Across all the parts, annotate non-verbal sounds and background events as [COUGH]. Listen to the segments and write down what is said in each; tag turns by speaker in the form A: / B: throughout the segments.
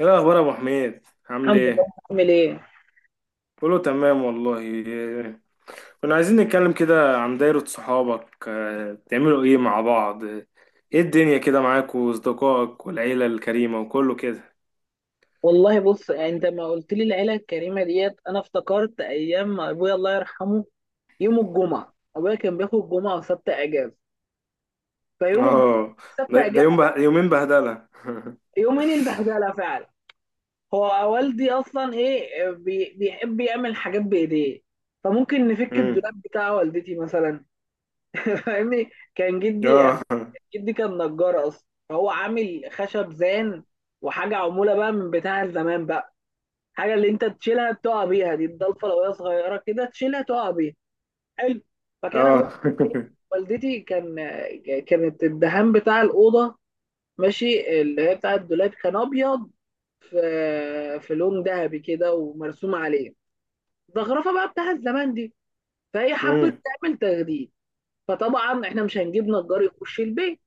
A: ايه الاخبار يا ابو حميد؟ عامل
B: الحمد لله.
A: ايه؟
B: عامل ايه؟
A: كله تمام والله. كنا عايزين نتكلم كده عن دايرة صحابك. بتعملوا ايه مع بعض؟ ايه الدنيا كده معاك واصدقائك والعيلة الكريمة وكله كده.
B: والله بص، يعني انت ما قلت لي العيله الكريمه ديت، انا افتكرت ايام ما ابويا الله يرحمه. يوم الجمعه ابويا كان بياخد جمعه وسبت اجازه، فيوم الجمعه
A: اه.
B: سبت
A: ده يوم
B: اجازه،
A: يومين بهدلة [LAUGHS]
B: يومين البهدله فعلا. هو والدي اصلا ايه بي بيحب يعمل حاجات بايديه، فممكن نفك
A: أمم،
B: الدولاب بتاع والدتي مثلا. [LAUGHS] فاهمني، كان جدي
A: اه.
B: جدي كان نجار اصلا، فهو عامل خشب زان، وحاجه عموله بقى من بتاع زمان بقى، حاجه اللي انت تشيلها تقع بيها. دي الضلفه لو هي صغيره كده تشيلها تقع بيها. حلو. فكان
A: اه.
B: ابويا، والدتي كانت الدهان بتاع الاوضه، ماشي، اللي هي بتاع الدولاب، كان ابيض، في في لون ذهبي كده ومرسوم عليه الزخرفه بقى بتاع الزمان دي. فهي
A: [LAUGHS]
B: حبت
A: أمم،
B: تعمل تجديد، فطبعا احنا مش هنجيب نجار يخش البيت.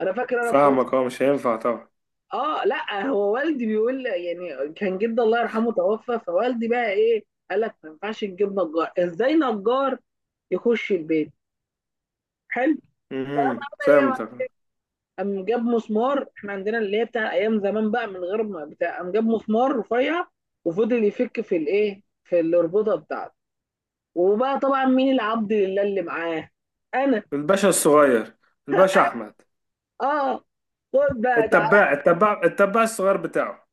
B: انا فاكر.
A: فاهمك، اه مش هينفع طبعا.
B: اه، لا هو والدي بيقول، يعني كان جدي الله يرحمه توفى، فوالدي بقى ايه، قال لك ما ينفعش نجيب نجار، ازاي نجار يخش البيت. حلو. فقام عمل ايه بقى؟
A: فهمتك.
B: قام جاب مسمار، احنا عندنا اللي هي بتاع ايام زمان بقى، من غير ما بتاع، قام جاب مسمار رفيع، وفضل يفك في الايه، في الاربطه بتاعته. وبقى طبعا مين العبد لله اللي معاه؟ انا.
A: الباشا الصغير، الباشا احمد.
B: اه، خد بقى.
A: التباع الصغير بتاعه.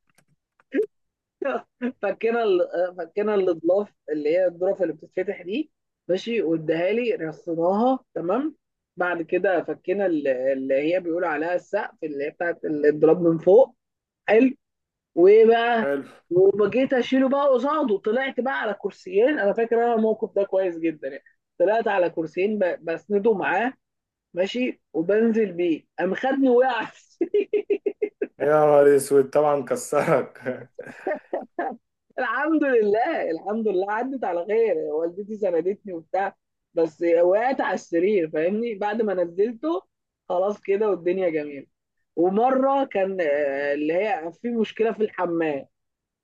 B: [LAUGHS] فكنا الاضلاف اللي هي الظرف اللي بتتفتح دي، ماشي، واداها لي، رصيناها تمام. بعد كده اللي هي بيقول عليها السقف، اللي هي بتاعت الضرب من فوق. حلو. وايه بقى؟
A: حلو.
B: وبجيت اشيله بقى قصاده، طلعت بقى على كرسيين، انا فاكر انا الموقف ده كويس جدا يعني. طلعت على كرسيين بسنده معاه، ماشي، وبنزل بيه، قام خدني وقعت
A: يا نهار اسود، طبعا كسرك.
B: الحمد لله، الحمد لله، عدت على خير. والدتي سندتني وبتاع، بس وقعت على السرير فاهمني بعد ما نزلته. خلاص كده، والدنيا جميلة. ومرة كان اللي هي في مشكلة في الحمام.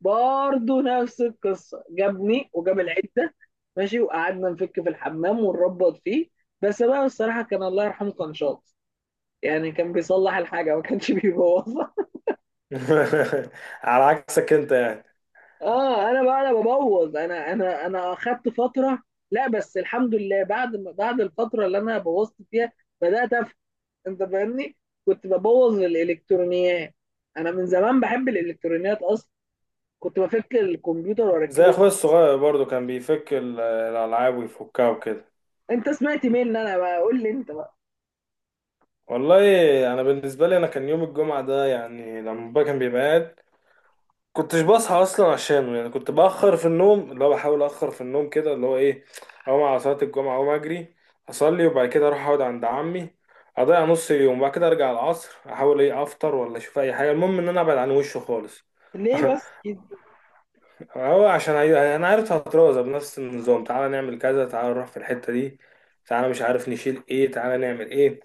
B: برضه نفس القصة، جابني وجاب العدة، ماشي، وقعدنا نفك في الحمام ونربط فيه. بس بقى الصراحة كان الله يرحمه كان شاطر، يعني كان بيصلح الحاجة، ما كانش [LAUGHS] بيبوظها.
A: [LAUGHS] على عكسك انت يعني.
B: اه، انا بقى انا ببوظ، انا انا اخدت فتره. لا بس الحمد لله، بعد ما بعد الفتره اللي انا بوظت فيها بدات افهم. انت فاهمني؟ كنت ببوظ الالكترونيات، انا من زمان بحب الالكترونيات اصلا، كنت بفك الكمبيوتر
A: زي
B: واركبه.
A: اخويا الصغير برضو كان بيفك الالعاب ويفكها وكده.
B: انت سمعت مين؟ انا بقى قول لي انت بقى.
A: والله انا بالنسبه لي انا، كان يوم الجمعه ده يعني لما بابا كان بيبقى قاعد كنتش بصحى اصلا عشانه، يعني كنت باخر في النوم، اللي هو بحاول اخر في النوم كده، اللي هو ايه، اقوم على صلاه الجمعه، اقوم اجري اصلي، وبعد كده اروح اقعد عند عمي، اضيع نص اليوم، بعد كده ارجع العصر احاول ايه افطر ولا اشوف اي حاجه، المهم ان انا ابعد عن وشه خالص.
B: ليه
A: [LAUGHS]
B: بس كده؟
A: هو عشان انا عارف هترازة بنفس النظام: تعالى نعمل كذا، تعالى نروح في الحتة دي، تعالى مش عارف نشيل ايه، تعالى نعمل ايه،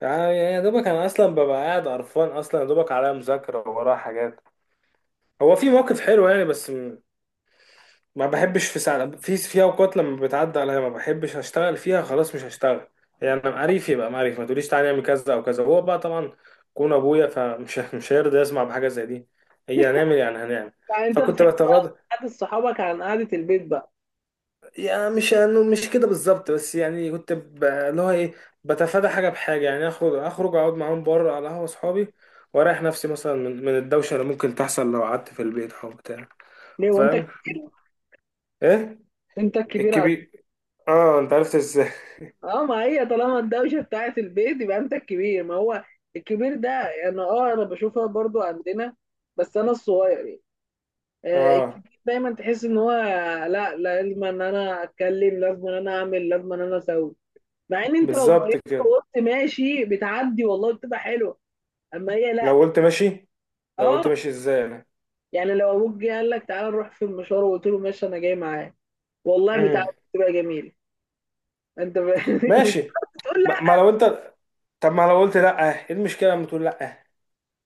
A: تعالى. يا دوبك انا اصلا ببقى قاعد قرفان، اصلا يا دوبك عليا مذاكرة ورايا حاجات. هو في موقف حلو يعني، بس ما بحبش، في ساعة، في اوقات لما بتعدي عليا ما بحبش اشتغل فيها، خلاص مش هشتغل يعني. انا معرف، يبقى معرف، ما تقوليش تعالى نعمل كذا او كذا. هو بقى طبعا كون ابويا، فمش [LAUGHS] مش هيرضى يسمع بحاجة زي دي. هي هنعمل إيه؟ يعني هنعمل.
B: يعني انت
A: فكنت
B: بتحب
A: بتغاضى.
B: قعده صحابك عن قعده البيت بقى؟
A: يعني مش انه مش كده بالظبط، بس يعني كنت اللي هو ايه، بتفادى حاجه بحاجه، يعني اخرج، اخرج اقعد معاهم بره على قهوه اصحابي واريح نفسي مثلا من, الدوشه اللي ممكن تحصل لو قعدت في البيت او بتاع.
B: ليه وانت
A: فاهم.
B: كبير؟
A: ايه.
B: انت الكبير؟
A: الكبير. اه انت عرفت ازاي؟
B: اه، ما هي طالما الدوشه بتاعت البيت، يبقى انت الكبير. ما هو الكبير ده يعني، اه انا بشوفها برضو عندنا، بس انا الصغير يعني.
A: [LAUGHS]
B: آه،
A: اه،
B: الكبير دايما تحس ان هو، لا لازم ان انا اتكلم، لازم ان انا اعمل، لازم ان انا اسوي. مع ان انت لو
A: بالظبط
B: مريت
A: كده.
B: وقلت ماشي، بتعدي والله، بتبقى حلوه. اما هي لا.
A: لو قلت ماشي، لو قلت
B: اه،
A: ماشي، ازاي انا؟
B: يعني لو ابوك جه قال لك تعالى نروح في المشوار، وقلت له ماشي انا جاي معاك، والله بتعدي،
A: امم.
B: بتبقى جميله. انت ب... [LAUGHS] مش
A: ماشي.
B: تقول.
A: ما لو انت، طب ما لو قلت لا، ايه المشكله لما تقول لا؟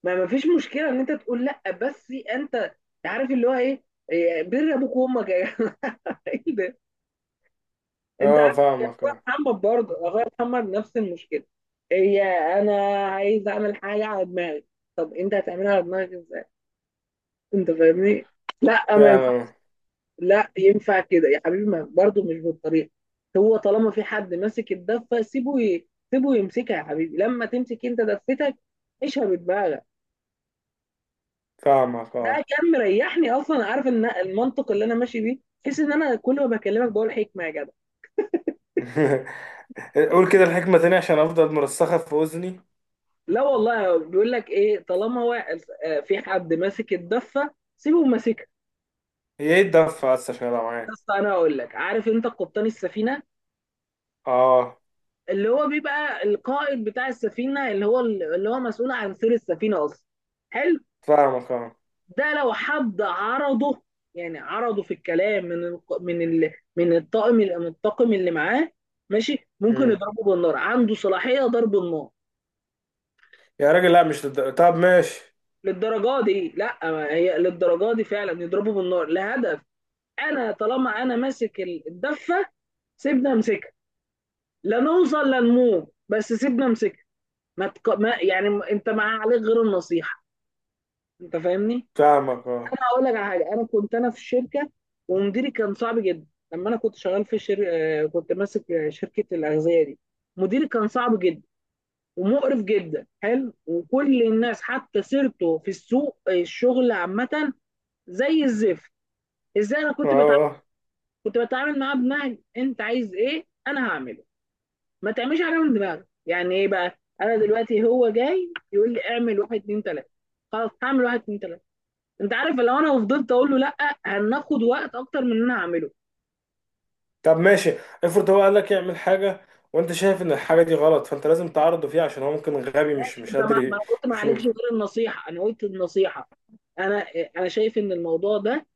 B: ما فيش مشكله ان انت تقول لا، بس انت عارف اللي هو ايه، إيه، بر ابوك وامك يا جماعه. [LAUGHS] ايه ده؟ انت
A: اه
B: عارف يا
A: فاهمك
B: اخويا
A: اه.
B: محمد، برضه اخويا محمد نفس المشكله. هي، انا عايز اعمل حاجه على دماغي. طب انت هتعملها على دماغك ازاي؟ انت فاهمني؟ لا ما ينفعش،
A: فاهم.
B: لا ينفع كده يا حبيبي، ما برضه مش بالطريقه. هو طالما في حد ماسك الدفه سيبه سيبه يمسكها، يا حبيبي لما تمسك انت دفتك عيشها بدماغك.
A: فاهمك
B: ده
A: اه.
B: كان مريحني اصلا، عارف ان المنطق اللي انا ماشي بيه، بحيث ان انا كل ما بكلمك بقول حكمه يا جدع.
A: [LAUGHS] قول كده الحكمة تاني عشان أفضل مرسخة في أذني.
B: لا والله، بيقول لك ايه، طالما هو في حد ماسك الدفه سيبه ماسكها.
A: هي إيه الدفة بس عشان أبقى معاك؟
B: بس انا اقول لك، عارف انت قبطان السفينه،
A: آه.
B: اللي هو بيبقى القائد بتاع السفينه، اللي هو مسؤول عن سير السفينه اصلا. حلو.
A: فاهمك آه.
B: ده لو حد عرضه، يعني عرضه في الكلام، من الطاقم اللي معاه، ماشي، ممكن
A: مم.
B: يضربه بالنار، عنده صلاحيه ضرب النار.
A: يا راجل لا، مش طب ماشي.
B: للدرجه دي؟ لا، ما هي للدرجه دي فعلا، يضربوا بالنار لهدف. انا طالما انا ماسك الدفه، سيبنا امسكها، لا نوصل لا نموت، بس سيبنا امسكها. ما, تق... ما يعني م- انت ما عليك غير النصيحه، انت فاهمني؟
A: فاهمك آه.
B: انا هقول لك على حاجه، انا كنت في الشركه ومديري كان صعب جدا. لما انا كنت شغال في شر... آه، كنت ماسك شركه الاغذيه دي، مديري كان صعب جدا ومقرف جدا. حلو. وكل الناس حتى سيرته في السوق الشغل عامه زي الزفت. ازاي انا
A: آه.
B: كنت بتعامل
A: آه.
B: كنت بتعامل معاه بنهج انت عايز ايه انا هعمله. ما تعملش حاجه من دماغك. يعني ايه بقى، انا دلوقتي هو جاي يقول لي اعمل واحد اتنين تلاته، خلاص هعمل واحد اتنين تلاته. انت عارف لو انا فضلت اقول له لا، هناخد وقت اكتر من اللي انا هعمله.
A: طب ماشي، افرض هو قالك يعمل حاجة وأنت شايف إن الحاجة دي غلط، فأنت لازم تعرضه فيها عشان هو ممكن غبي، مش
B: ماشي،
A: مش
B: انت
A: قادر
B: ما انا قلت ما عليكش
A: يشوف.
B: غير النصيحه، انا قلت النصيحه. انا انا شايف ان الموضوع ده،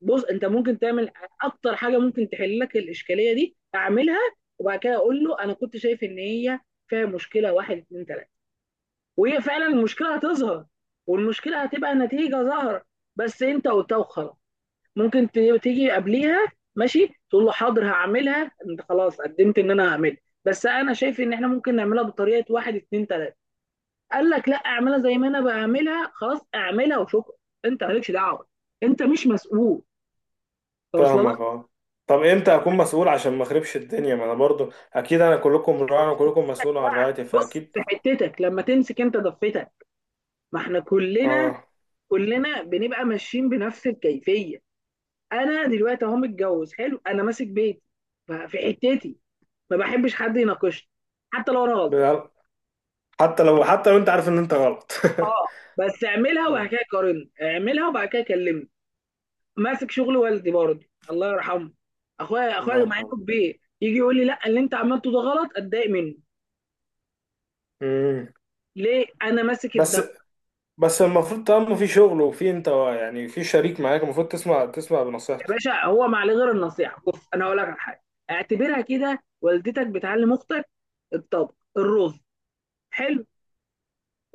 B: بص، انت ممكن تعمل اكتر حاجه ممكن تحل لك الاشكاليه دي، اعملها، وبعد كده اقول له انا كنت شايف ان هي فيها مشكله واحد اتنين تلاته. وهي فعلا المشكله هتظهر، والمشكله هتبقى نتيجه ظاهره، بس انت قلتها وخلاص. ممكن تيجي قبليها، ماشي، تقول له حاضر هعملها، انت خلاص قدمت ان انا هعملها، بس انا شايف ان احنا ممكن نعملها بطريقه واحد اتنين تلاته. قال لك لا اعملها زي ما انا بعملها، خلاص اعملها وشكرا، انت مالكش دعوه، انت مش مسؤول، توصل لك.
A: فاهمك آه. طب امتى اكون مسؤول عشان ما اخربش الدنيا؟ ما انا برضو اكيد، انا كلكم راعي وكلكم مسؤول عن رعايتي،
B: بص،
A: فاكيد.
B: في حتتك لما تمسك انت ضفتك، ما احنا كلنا
A: اه.
B: كلنا بنبقى ماشيين بنفس الكيفيه. انا دلوقتي اهو متجوز، حلو، انا ماسك بيتي، في حتتي ما بحبش حد يناقشني حتى لو انا غلطان.
A: بال- حتى لو، حتى لو انت عارف ان انت غلط.
B: اه، بس اعملها وبعد كده
A: [LAUGHS]
B: قارن، اعملها وبعد كده كلمني. ماسك شغل والدي برضه الله يرحمه. اخويا
A: الله
B: اخويا مع
A: يرحمه.
B: انه كبير يجي يقول لي لا، اللي انت عملته ده غلط، اتضايق منه.
A: امم.
B: ليه؟ انا ماسك
A: بس
B: الدفع.
A: بس المفروض طالما في شغل وفي انت، يعني في شريك معاك، المفروض تسمع، تسمع
B: يا
A: بنصيحته.
B: باشا، هو ما عليه غير النصيحه. بص انا هقول لك على حاجه، اعتبرها كده، والدتك بتعلم اختك الطبخ، الرز، حلو،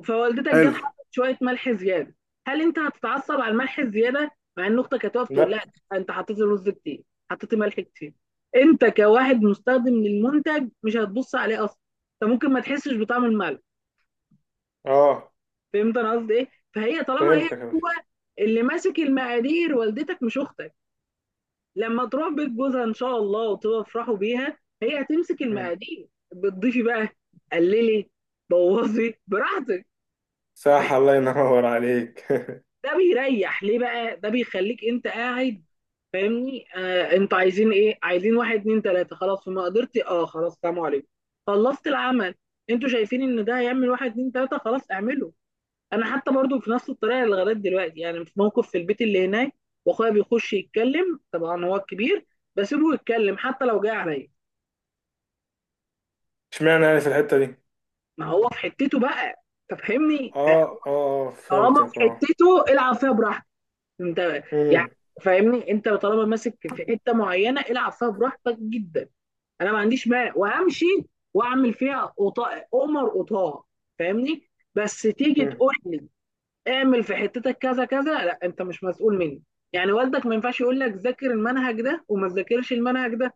B: فوالدتك جت
A: حلو.
B: حطت شويه ملح زياده. هل انت هتتعصب على الملح الزياده؟ مع ان اختك هتقف تقول
A: لا.
B: لك انت حطيت الرز كتير، حطيت ملح كتير. انت كواحد مستخدم للمنتج مش هتبص عليه اصلا، انت ممكن ما تحسش بطعم الملح.
A: اه
B: فهمت انا قصدي ايه؟ فهي طالما هي،
A: فهمتك يا
B: هو
A: باشا.
B: اللي ماسك المقادير، والدتك مش اختك. لما تروح بيت جوزها ان شاء الله وتفرحوا بيها، هي هتمسك
A: مم.
B: المقادير، بتضيفي بقى، قللي، بوظي براحتك.
A: صح، الله ينور عليك. [LAUGHS]
B: ده بيريح ليه بقى؟ ده بيخليك انت قاعد فاهمني، آه، انتوا عايزين ايه؟ عايزين واحد اتنين تلاته، خلاص، فما قدرت، اه خلاص، سلام عليكم، خلصت العمل. انتوا شايفين ان ده هيعمل واحد اتنين تلاته؟ خلاص اعمله. انا حتى برضو في نفس الطريقه اللي لغايه دلوقتي، يعني في موقف في البيت اللي هناك، واخويا بيخش يتكلم، طبعا هو الكبير، بسيبه يتكلم حتى لو جاي عليا.
A: اشمعنى يعني في الحتة دي؟
B: ما هو في حتته بقى، تفهمني
A: اه.
B: آه،
A: اه.
B: طالما في
A: فهمتك اه.
B: حتته العب فيها براحتك انت،
A: مم.
B: يعني فاهمني، انت طالما ماسك في حته معينه العب فيها براحتك جدا، انا ما عنديش مانع، وامشي واعمل فيها قطاع قمر قطاع، فاهمني. بس تيجي
A: مم.
B: تقول لي اعمل في حتتك كذا كذا، لا، انت مش مسؤول مني. يعني والدك ما ينفعش يقول لك ذاكر المنهج ده وما تذاكرش المنهج ده،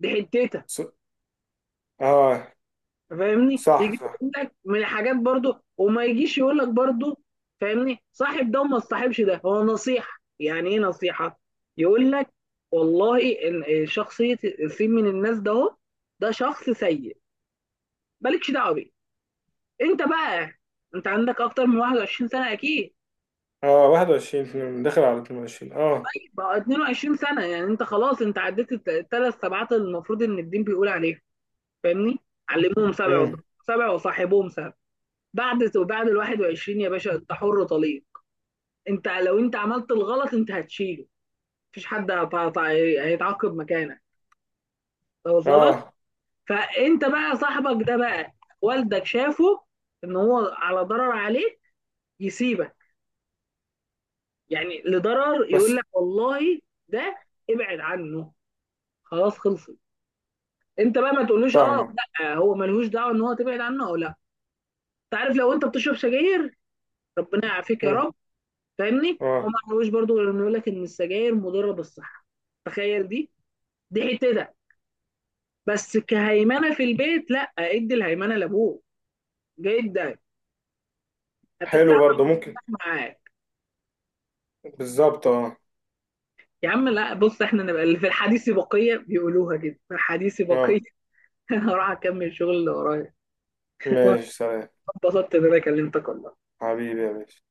B: دي حتتك،
A: ص... اه.
B: فاهمني، يجي
A: صح صح.
B: يقول لك من الحاجات برضو، وما يجيش يقول لك برضو فاهمني صاحب ده وما تصاحبش ده. هو نصيحة، يعني ايه نصيحة؟ يقول لك والله شخصية السين من الناس ده، هو ده شخص سيء، مالكش دعوة بيه. انت بقى، انت عندك اكتر من 21 سنة اكيد،
A: اه، 21، اتنين، داخل على 22 اه.
B: بقى 22 سنة، يعني انت خلاص، انت عديت الثلاث سبعات اللي المفروض ان الدين بيقول عليهم، فاهمني، علموهم سبع،
A: مم.
B: وضربوهم سبع، وصاحبهم سبع. بعد ال 21 يا باشا انت حر طليق، انت لو انت عملت الغلط انت هتشيله، مفيش حد هيتعاقب مكانك، واصل لك.
A: اه.
B: فانت بقى، صاحبك ده بقى، والدك شافه ان هو على ضرر عليك، يسيبك، يعني لضرر، يقول
A: بس.
B: لك والله ده ابعد عنه، خلاص خلصت، انت بقى ما تقولوش اه،
A: فاهمة.
B: لا، هو ملهوش دعوه ان هو تبعد عنه او لا. تعرف، لو انت بتشرب سجاير، ربنا يعافيك يا
A: مم.
B: رب، فاهمني، هو
A: اه.
B: ما عملوش برضه غير انه يقول لك ان السجاير مضره بالصحه. تخيل، دي حتتك، بس كهيمنه في البيت لا، ادي الهيمنه لابوك، جدا
A: حلو
B: هترتاح
A: برضو ممكن.
B: معاه.
A: بالظبط اه.
B: يا عم لا، بص، احنا نبقى اللي في الحديث بقيه، بيقولوها كده في الحديث بقيه.
A: اه
B: [LAUGHS] انا هروح اكمل شغل اللي ورايا. [LAUGHS] وانا
A: ماشي سلام.
B: اتبسطت ان انا كلمتك والله.
A: حبيبي يا باشا.